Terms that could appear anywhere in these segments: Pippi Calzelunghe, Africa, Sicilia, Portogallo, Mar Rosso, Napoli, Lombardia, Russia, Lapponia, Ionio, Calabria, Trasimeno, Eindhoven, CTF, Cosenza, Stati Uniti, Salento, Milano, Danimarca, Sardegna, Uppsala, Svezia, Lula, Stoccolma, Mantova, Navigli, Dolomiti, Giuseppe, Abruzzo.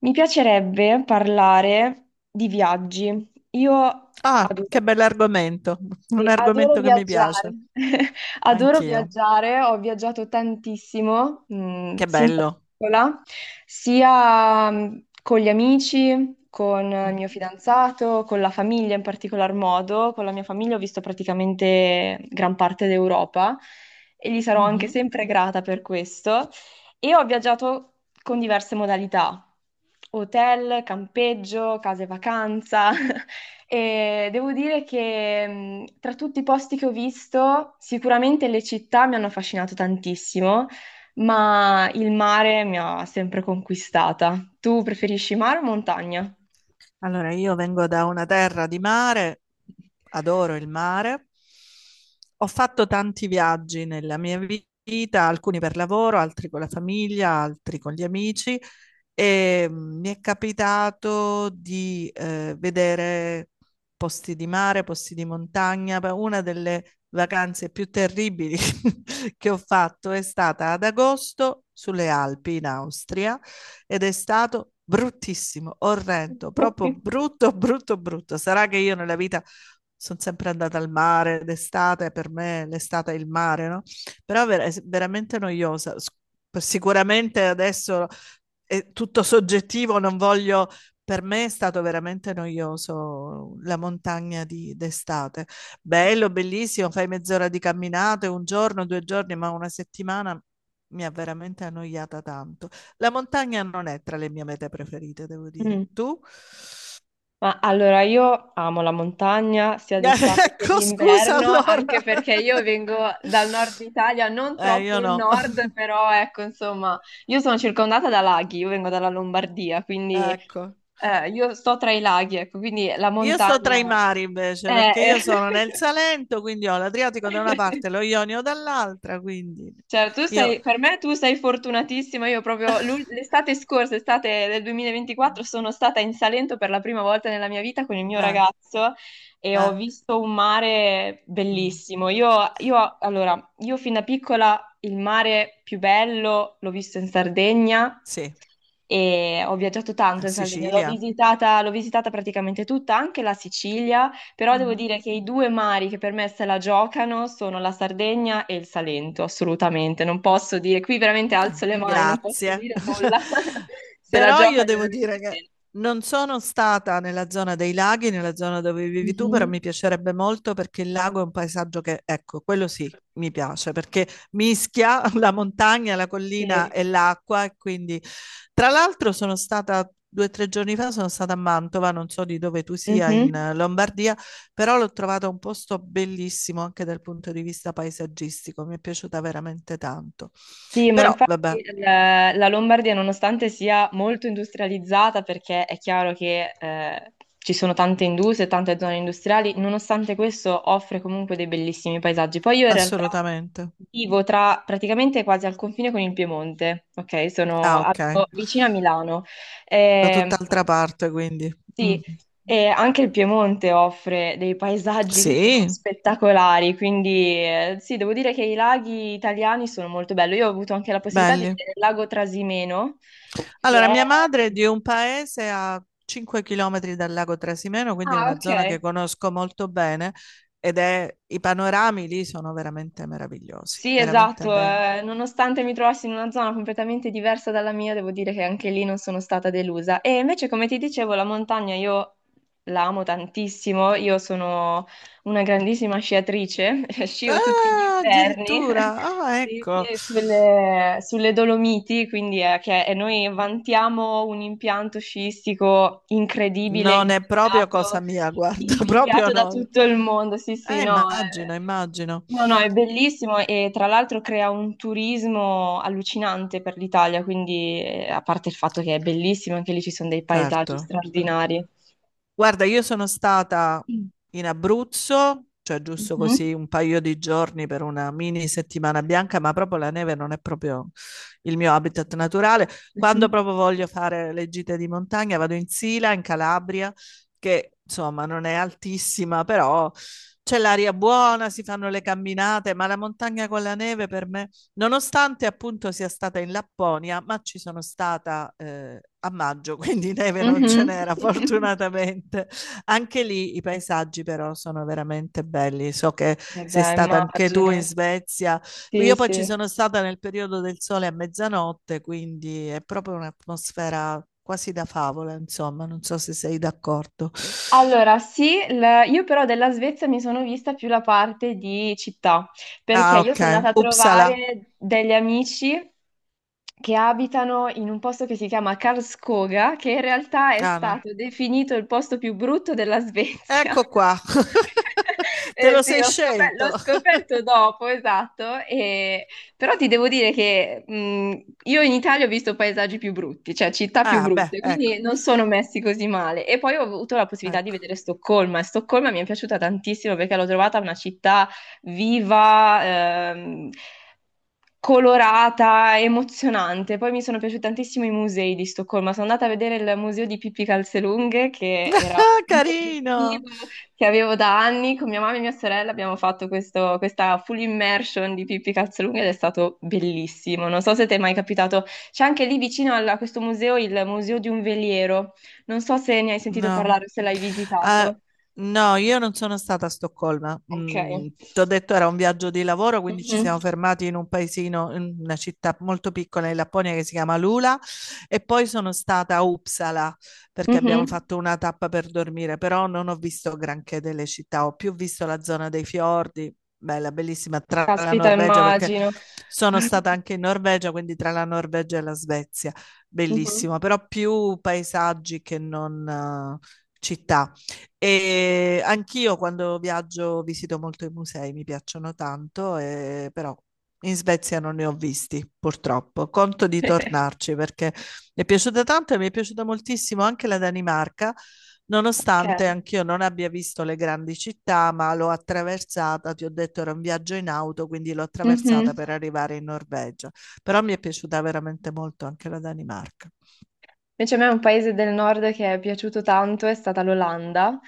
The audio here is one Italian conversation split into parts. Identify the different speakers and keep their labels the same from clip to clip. Speaker 1: Mi piacerebbe parlare di viaggi. Io
Speaker 2: Ah,
Speaker 1: adoro
Speaker 2: che bell'argomento, un
Speaker 1: sì, adoro
Speaker 2: argomento che mi
Speaker 1: viaggiare,
Speaker 2: piace,
Speaker 1: adoro
Speaker 2: anch'io.
Speaker 1: viaggiare, ho viaggiato tantissimo,
Speaker 2: Che
Speaker 1: sin da
Speaker 2: bello.
Speaker 1: piccola, sia con gli amici, con il mio
Speaker 2: Mhm,
Speaker 1: fidanzato, con la famiglia, in particolar modo con la mia famiglia ho visto praticamente gran parte d'Europa e gli sarò anche
Speaker 2: mhm.
Speaker 1: sempre grata per questo, e ho viaggiato con diverse modalità: hotel, campeggio, case vacanza. E devo dire che tra tutti i posti che ho visto, sicuramente le città mi hanno affascinato tantissimo, ma il mare mi ha sempre conquistata. Tu preferisci mare o montagna?
Speaker 2: Allora, io vengo da una terra di mare, adoro il mare. Ho fatto tanti viaggi nella mia vita, alcuni per lavoro, altri con la famiglia, altri con gli amici e mi è capitato di vedere posti di mare, posti di montagna. Beh, una delle vacanze più terribili che ho fatto è stata ad agosto sulle Alpi in Austria ed è stato bruttissimo, orrendo, proprio brutto, brutto, brutto. Sarà che io nella vita sono sempre andata al mare d'estate, per me l'estate è il mare, no? Però è veramente noiosa. Sicuramente adesso è tutto soggettivo, non voglio. Per me è stato veramente noioso la montagna d'estate. Bello, bellissimo, fai mezz'ora di camminate, un giorno, 2 giorni, ma una settimana mi ha veramente annoiata tanto. La montagna non è tra le mie mete preferite, devo dire.
Speaker 1: Mm.
Speaker 2: Tu?
Speaker 1: Ma allora io amo la montagna sia d'estate che
Speaker 2: Ecco, scusa
Speaker 1: d'inverno,
Speaker 2: allora.
Speaker 1: anche perché io vengo dal nord Italia, non
Speaker 2: Eh,
Speaker 1: troppo
Speaker 2: io
Speaker 1: il
Speaker 2: no.
Speaker 1: nord, però ecco, insomma, io sono circondata da laghi, io vengo dalla Lombardia, quindi
Speaker 2: Ecco.
Speaker 1: io sto tra i laghi, ecco, quindi la
Speaker 2: Io sto tra
Speaker 1: montagna
Speaker 2: i mari invece,
Speaker 1: eh,
Speaker 2: perché
Speaker 1: eh,
Speaker 2: io sono nel Salento, quindi ho l'Adriatico da una parte e lo Ionio dall'altra, quindi
Speaker 1: cioè,
Speaker 2: io.
Speaker 1: per me tu sei fortunatissima. Io proprio l'estate scorsa, estate del 2024, sono stata in Salento per la prima volta nella mia vita con il mio
Speaker 2: Eh,
Speaker 1: ragazzo e ho
Speaker 2: eh,
Speaker 1: visto un mare
Speaker 2: mm,
Speaker 1: bellissimo. Allora, io fin da piccola il mare più bello l'ho visto in Sardegna
Speaker 2: sì,
Speaker 1: e ho viaggiato tanto in Sardegna,
Speaker 2: Sicilia.
Speaker 1: l'ho visitata praticamente tutta, anche la Sicilia. Però devo
Speaker 2: Mhm.
Speaker 1: dire che i due mari che per me se la giocano sono la Sardegna e il Salento, assolutamente. Non posso dire, qui veramente
Speaker 2: Ah,
Speaker 1: alzo le mani, non posso
Speaker 2: grazie.
Speaker 1: dire nulla. Se la
Speaker 2: Però io
Speaker 1: giocano
Speaker 2: devo dire
Speaker 1: veramente
Speaker 2: che
Speaker 1: bene.
Speaker 2: non sono stata nella zona dei laghi, nella zona dove vivi tu, però mi
Speaker 1: Mhm.
Speaker 2: piacerebbe molto perché il lago è un paesaggio che, ecco, quello sì, mi piace perché mischia la montagna, la collina
Speaker 1: Sì.
Speaker 2: e l'acqua e quindi, tra l'altro, sono stata 2 o 3 giorni fa, sono stata a Mantova, non so di dove tu sia in
Speaker 1: Mhm.
Speaker 2: Lombardia, però l'ho trovata un posto bellissimo anche dal punto di vista paesaggistico, mi è piaciuta veramente tanto.
Speaker 1: Sì, ma
Speaker 2: Però
Speaker 1: infatti
Speaker 2: vabbè,
Speaker 1: la Lombardia, nonostante sia molto industrializzata, perché è chiaro che ci sono tante industrie, tante zone industriali, nonostante questo offre comunque dei bellissimi paesaggi. Poi io in realtà
Speaker 2: assolutamente.
Speaker 1: vivo tra, praticamente quasi al confine con il Piemonte, ok? Sono
Speaker 2: Ah, ok.
Speaker 1: abito vicino a Milano.
Speaker 2: Da
Speaker 1: Ehm,
Speaker 2: tutt'altra parte, quindi. Mm.
Speaker 1: sì, e anche il Piemonte offre dei paesaggi che sono
Speaker 2: Sì,
Speaker 1: spettacolari, quindi sì, devo dire che i laghi italiani sono molto belli. Io ho avuto anche la possibilità di
Speaker 2: belli.
Speaker 1: vedere il lago Trasimeno, che
Speaker 2: Allora,
Speaker 1: è...
Speaker 2: mia madre è di un paese a 5 km dal lago Trasimeno, quindi è
Speaker 1: Ah,
Speaker 2: una
Speaker 1: ok.
Speaker 2: zona che conosco molto bene i panorami lì sono veramente meravigliosi,
Speaker 1: Sì,
Speaker 2: veramente
Speaker 1: esatto,
Speaker 2: belli.
Speaker 1: nonostante mi trovassi in una zona completamente diversa dalla mia, devo dire che anche lì non sono stata delusa. E invece, come ti dicevo, la montagna io la amo tantissimo, io sono una grandissima sciatrice, scio tutti gli
Speaker 2: Ah,
Speaker 1: inverni.
Speaker 2: addirittura, ah,
Speaker 1: Sì,
Speaker 2: ecco.
Speaker 1: sì, sulle Dolomiti, quindi che e noi vantiamo un impianto sciistico incredibile,
Speaker 2: Non è proprio
Speaker 1: invidiato.
Speaker 2: cosa mia, guarda, proprio
Speaker 1: Invidiato da
Speaker 2: no.
Speaker 1: tutto il mondo, sì, sì, no, è...
Speaker 2: Immagino, immagino.
Speaker 1: no, no, è bellissimo e tra l'altro crea un turismo allucinante per l'Italia, quindi a parte il fatto che è bellissimo, anche lì ci sono dei
Speaker 2: Certo.
Speaker 1: paesaggi straordinari.
Speaker 2: Guarda, io sono stata
Speaker 1: Mm.
Speaker 2: in Abruzzo, cioè giusto
Speaker 1: Mhm.
Speaker 2: così un paio di giorni per una mini settimana bianca, ma proprio la neve non è proprio il mio habitat naturale. Quando
Speaker 1: Mhm.
Speaker 2: proprio voglio fare le gite di montagna, vado in Sila, in Calabria, che insomma non è altissima, però c'è l'aria buona, si fanno le camminate, ma la montagna con la neve per me. Nonostante appunto sia stata in Lapponia, ma ci sono stata a maggio, quindi neve non ce
Speaker 1: Mhm.
Speaker 2: n'era fortunatamente. Anche lì i paesaggi però sono veramente belli. So che
Speaker 1: Eh
Speaker 2: sei
Speaker 1: beh,
Speaker 2: stata anche tu
Speaker 1: immagino.
Speaker 2: in Svezia.
Speaker 1: Sì,
Speaker 2: Io poi ci
Speaker 1: sì.
Speaker 2: sono stata nel periodo del sole a mezzanotte, quindi è proprio un'atmosfera quasi da favola, insomma, non so se sei d'accordo.
Speaker 1: Allora, sì, io però della Svezia mi sono vista più la parte di città, perché
Speaker 2: Ah,
Speaker 1: io sono
Speaker 2: ok.
Speaker 1: andata a
Speaker 2: Uppsala.
Speaker 1: trovare degli amici che abitano in un posto che si chiama Karlskoga, che in realtà è
Speaker 2: Ah, no.
Speaker 1: stato definito il posto più brutto della Svezia.
Speaker 2: Ecco qua. Te lo
Speaker 1: Sì,
Speaker 2: sei
Speaker 1: l'ho
Speaker 2: scelto.
Speaker 1: scoperto dopo, esatto, e- però ti devo dire che io in Italia ho visto paesaggi più brutti, cioè città più
Speaker 2: Ah beh,
Speaker 1: brutte,
Speaker 2: ecco,
Speaker 1: quindi non sono messi così male. E poi ho avuto la possibilità di
Speaker 2: ecco.
Speaker 1: vedere Stoccolma, e Stoccolma mi è piaciuta tantissimo perché l'ho trovata una città viva, ehm, colorata, emozionante. Poi mi sono piaciuti tantissimo i musei di Stoccolma. Sono andata a vedere il museo di Pippi Calzelunghe, che era un obiettivo
Speaker 2: Carino.
Speaker 1: che avevo da anni. Con mia mamma e mia sorella abbiamo fatto questa full immersion di Pippi Calzelunghe ed è stato bellissimo. Non so se ti è mai capitato. C'è anche lì vicino a questo museo il museo di un veliero. Non so se ne hai sentito
Speaker 2: No.
Speaker 1: parlare o se l'hai
Speaker 2: Eh,
Speaker 1: visitato.
Speaker 2: no, io non sono stata a Stoccolma.
Speaker 1: Ok.
Speaker 2: Ti ho detto era un viaggio di lavoro, quindi ci
Speaker 1: Mhm.
Speaker 2: siamo fermati in un paesino, in una città molto piccola in Lapponia che si chiama Lula e poi sono stata a Uppsala perché abbiamo
Speaker 1: Mhm.
Speaker 2: fatto una tappa per dormire, però non ho visto granché delle città, ho più visto la zona dei fiordi, bella, bellissima, tra la
Speaker 1: Caspita,
Speaker 2: Norvegia perché
Speaker 1: immagino.
Speaker 2: sono stata anche in Norvegia, quindi tra la Norvegia e la Svezia
Speaker 1: Mhm.
Speaker 2: bellissimo, però più paesaggi che non eh, città. E anch'io quando viaggio visito molto i musei, mi piacciono tanto, però in Svezia non ne ho visti, purtroppo. Conto di tornarci perché mi è piaciuta tanto e mi è piaciuta moltissimo anche la Danimarca,
Speaker 1: Ok.
Speaker 2: nonostante anch'io non abbia visto le grandi città, ma l'ho attraversata, ti ho detto era un viaggio in auto, quindi l'ho attraversata
Speaker 1: Mhm.
Speaker 2: per arrivare in Norvegia. Però mi è piaciuta veramente molto anche la Danimarca.
Speaker 1: Invece a me un paese del nord che è piaciuto tanto è stata l'Olanda,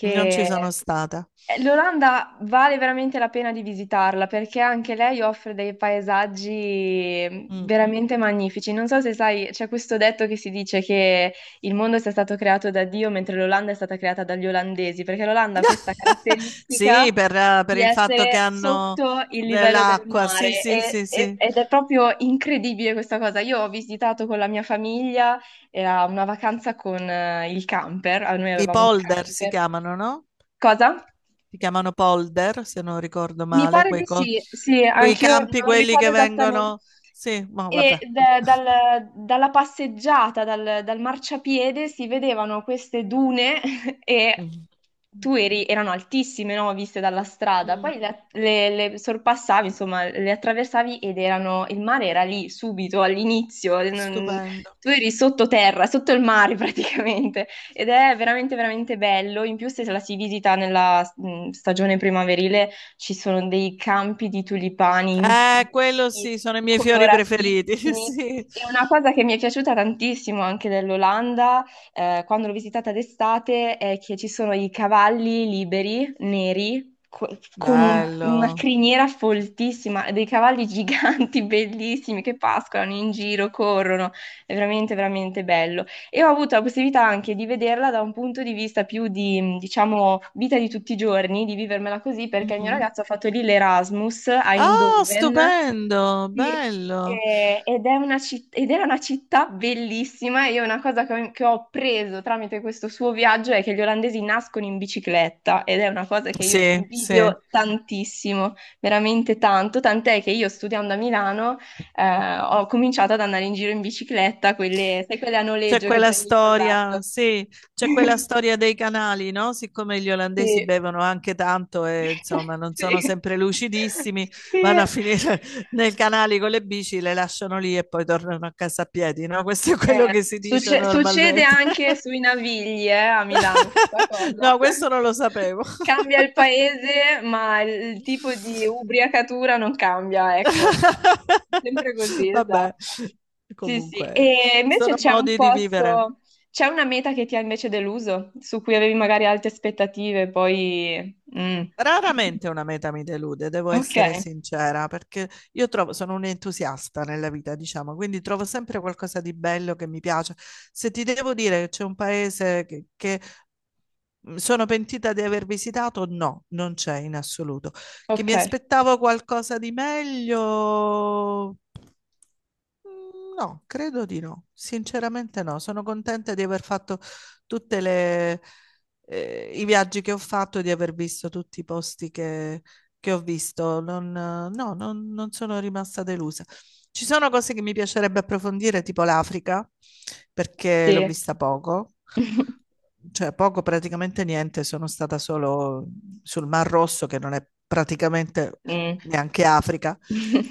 Speaker 2: Non ci sono
Speaker 1: Mm.
Speaker 2: stata.
Speaker 1: l'Olanda vale veramente la pena di visitarla perché anche lei offre dei paesaggi
Speaker 2: Mm.
Speaker 1: veramente magnifici. Non so se sai, c'è questo detto che si dice che il mondo sia stato creato da Dio mentre l'Olanda è stata creata dagli olandesi, perché l'Olanda ha questa
Speaker 2: Sì,
Speaker 1: caratteristica
Speaker 2: per
Speaker 1: di
Speaker 2: il fatto che
Speaker 1: essere
Speaker 2: hanno
Speaker 1: sotto il livello del
Speaker 2: dell'acqua. Sì,
Speaker 1: mare
Speaker 2: sì, sì, sì.
Speaker 1: ed è proprio incredibile questa cosa. Io ho visitato con la mia famiglia, era una vacanza con il camper, ah, noi
Speaker 2: I
Speaker 1: avevamo un
Speaker 2: polder si
Speaker 1: camper.
Speaker 2: chiamano, no?
Speaker 1: Cosa?
Speaker 2: Si chiamano polder, se non ricordo
Speaker 1: Mi
Speaker 2: male,
Speaker 1: pare di sì, sì,
Speaker 2: quei
Speaker 1: anch'io
Speaker 2: campi,
Speaker 1: non
Speaker 2: quelli
Speaker 1: ricordo
Speaker 2: che
Speaker 1: esattamente.
Speaker 2: vengono. Sì, ma
Speaker 1: E
Speaker 2: vabbè.
Speaker 1: dalla passeggiata, dal marciapiede, si vedevano queste dune e
Speaker 2: Mm.
Speaker 1: tu eri, erano altissime, no? Viste dalla strada.
Speaker 2: Mm,
Speaker 1: Poi le, le sorpassavi, insomma, le attraversavi ed erano, il mare era lì subito all'inizio. Non-
Speaker 2: Stupendo.
Speaker 1: tu eri sottoterra, sotto il mare praticamente. Ed è veramente bello. In più, se la si visita nella stagione primaverile, ci sono dei campi di tulipani infiniti,
Speaker 2: Quello sì, sono i miei fiori preferiti.
Speaker 1: coloratissimi.
Speaker 2: Sì.
Speaker 1: E una cosa che mi è piaciuta tantissimo anche dell'Olanda, quando l'ho visitata d'estate, è che ci sono i cavalli liberi, neri, co- con una
Speaker 2: Bello.
Speaker 1: criniera foltissima, dei cavalli giganti, bellissimi, che pascolano in giro, corrono. È veramente bello e ho avuto la possibilità anche di vederla da un punto di vista più di, diciamo, vita di tutti i giorni, di vivermela così, perché il mio
Speaker 2: Mhm.
Speaker 1: ragazzo ha fatto lì l'Erasmus a
Speaker 2: Ah,
Speaker 1: Eindhoven
Speaker 2: stupendo,
Speaker 1: sì,
Speaker 2: bello.
Speaker 1: ed, è una citt- ed era una città bellissima. E Io una cosa che ho preso tramite questo suo viaggio è che gli olandesi nascono in bicicletta ed è una cosa che io gli
Speaker 2: Sì, sì.
Speaker 1: invidio tantissimo, veramente tanto, tant'è che io studiando a Milano ho cominciato ad andare in giro in bicicletta, quelle, sai, quelle a
Speaker 2: C'è
Speaker 1: noleggio che
Speaker 2: quella
Speaker 1: prendi con l'app.
Speaker 2: storia, sì, c'è quella storia dei canali, no? Siccome gli olandesi
Speaker 1: Sì.
Speaker 2: bevono anche tanto e insomma non
Speaker 1: Sì.
Speaker 2: sono sempre lucidissimi,
Speaker 1: Sì.
Speaker 2: vanno a finire nei canali con le bici, le lasciano lì e poi tornano a casa a piedi, no? Questo è quello che si dice
Speaker 1: Succede
Speaker 2: normalmente.
Speaker 1: anche sui Navigli, a Milano questa cosa.
Speaker 2: No, questo non lo sapevo.
Speaker 1: Cambia il paese, ma il tipo di ubriacatura non cambia, ecco. Sempre così,
Speaker 2: Vabbè,
Speaker 1: esatto. Sì, sì.
Speaker 2: comunque
Speaker 1: E invece
Speaker 2: sono
Speaker 1: c'è un
Speaker 2: modi di vivere.
Speaker 1: posto, c'è una meta che ti ha invece deluso, su cui avevi magari alte aspettative, poi... mm.
Speaker 2: Raramente una meta mi delude, devo
Speaker 1: Ok,
Speaker 2: essere sincera, perché io trovo, sono un entusiasta nella vita, diciamo, quindi trovo sempre qualcosa di bello che mi piace. Se ti devo dire che c'è un paese che mi sono pentita di aver visitato, no, non c'è in assoluto. Che
Speaker 1: ok,
Speaker 2: mi aspettavo qualcosa di meglio. No, credo di no. Sinceramente no. Sono contenta di aver fatto tutte i viaggi che ho fatto e di aver visto tutti i posti che ho visto. Non, no, non, non sono rimasta delusa. Ci sono cose che mi piacerebbe approfondire, tipo l'Africa, perché l'ho
Speaker 1: sì.
Speaker 2: vista poco. Cioè, poco, praticamente niente. Sono stata solo sul Mar Rosso, che non è praticamente
Speaker 1: Mm.
Speaker 2: neanche Africa.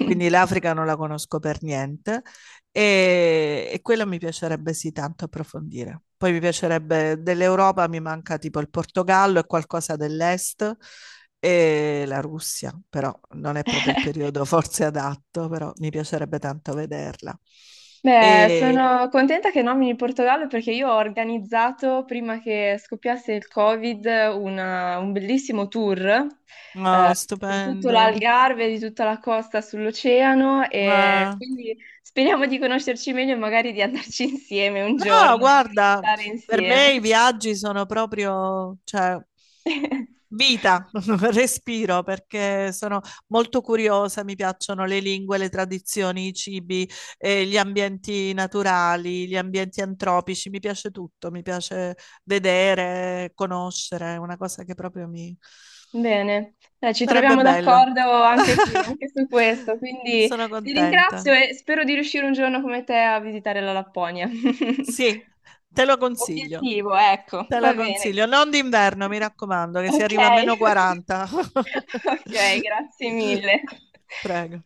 Speaker 2: Quindi l'Africa non la conosco per niente. E quella mi piacerebbe sì tanto approfondire. Poi mi piacerebbe dell'Europa, mi manca tipo il Portogallo e qualcosa dell'Est e la Russia, però non è proprio il periodo forse adatto, però mi piacerebbe tanto vederla.
Speaker 1: Beh,
Speaker 2: E
Speaker 1: sono contenta che nomini il Portogallo perché io ho organizzato, prima che scoppiasse il Covid, un bellissimo tour
Speaker 2: no,
Speaker 1: eh, di tutto
Speaker 2: stupendo.
Speaker 1: l'Algarve, di tutta la costa sull'oceano, e
Speaker 2: No,
Speaker 1: quindi speriamo di conoscerci meglio e magari di andarci insieme un giorno e di
Speaker 2: guarda,
Speaker 1: visitare
Speaker 2: per
Speaker 1: insieme.
Speaker 2: me i viaggi sono proprio, cioè, vita, respiro perché sono molto curiosa, mi piacciono le lingue, le tradizioni, i cibi, gli ambienti naturali, gli ambienti antropici, mi piace tutto, mi piace vedere, conoscere, è una cosa che proprio mi.
Speaker 1: Bene, dai, ci
Speaker 2: Sarebbe
Speaker 1: troviamo
Speaker 2: bello.
Speaker 1: d'accordo anche qui, anche su questo, quindi
Speaker 2: Sono
Speaker 1: ti ringrazio
Speaker 2: contenta.
Speaker 1: e spero di riuscire un giorno come te a visitare la Lapponia.
Speaker 2: Sì, te lo consiglio,
Speaker 1: Obiettivo, ecco,
Speaker 2: te
Speaker 1: va
Speaker 2: lo
Speaker 1: bene.
Speaker 2: consiglio. Non d'inverno, mi raccomando, che si
Speaker 1: Ok,
Speaker 2: arriva a meno 40.
Speaker 1: ok, grazie mille.
Speaker 2: Prego.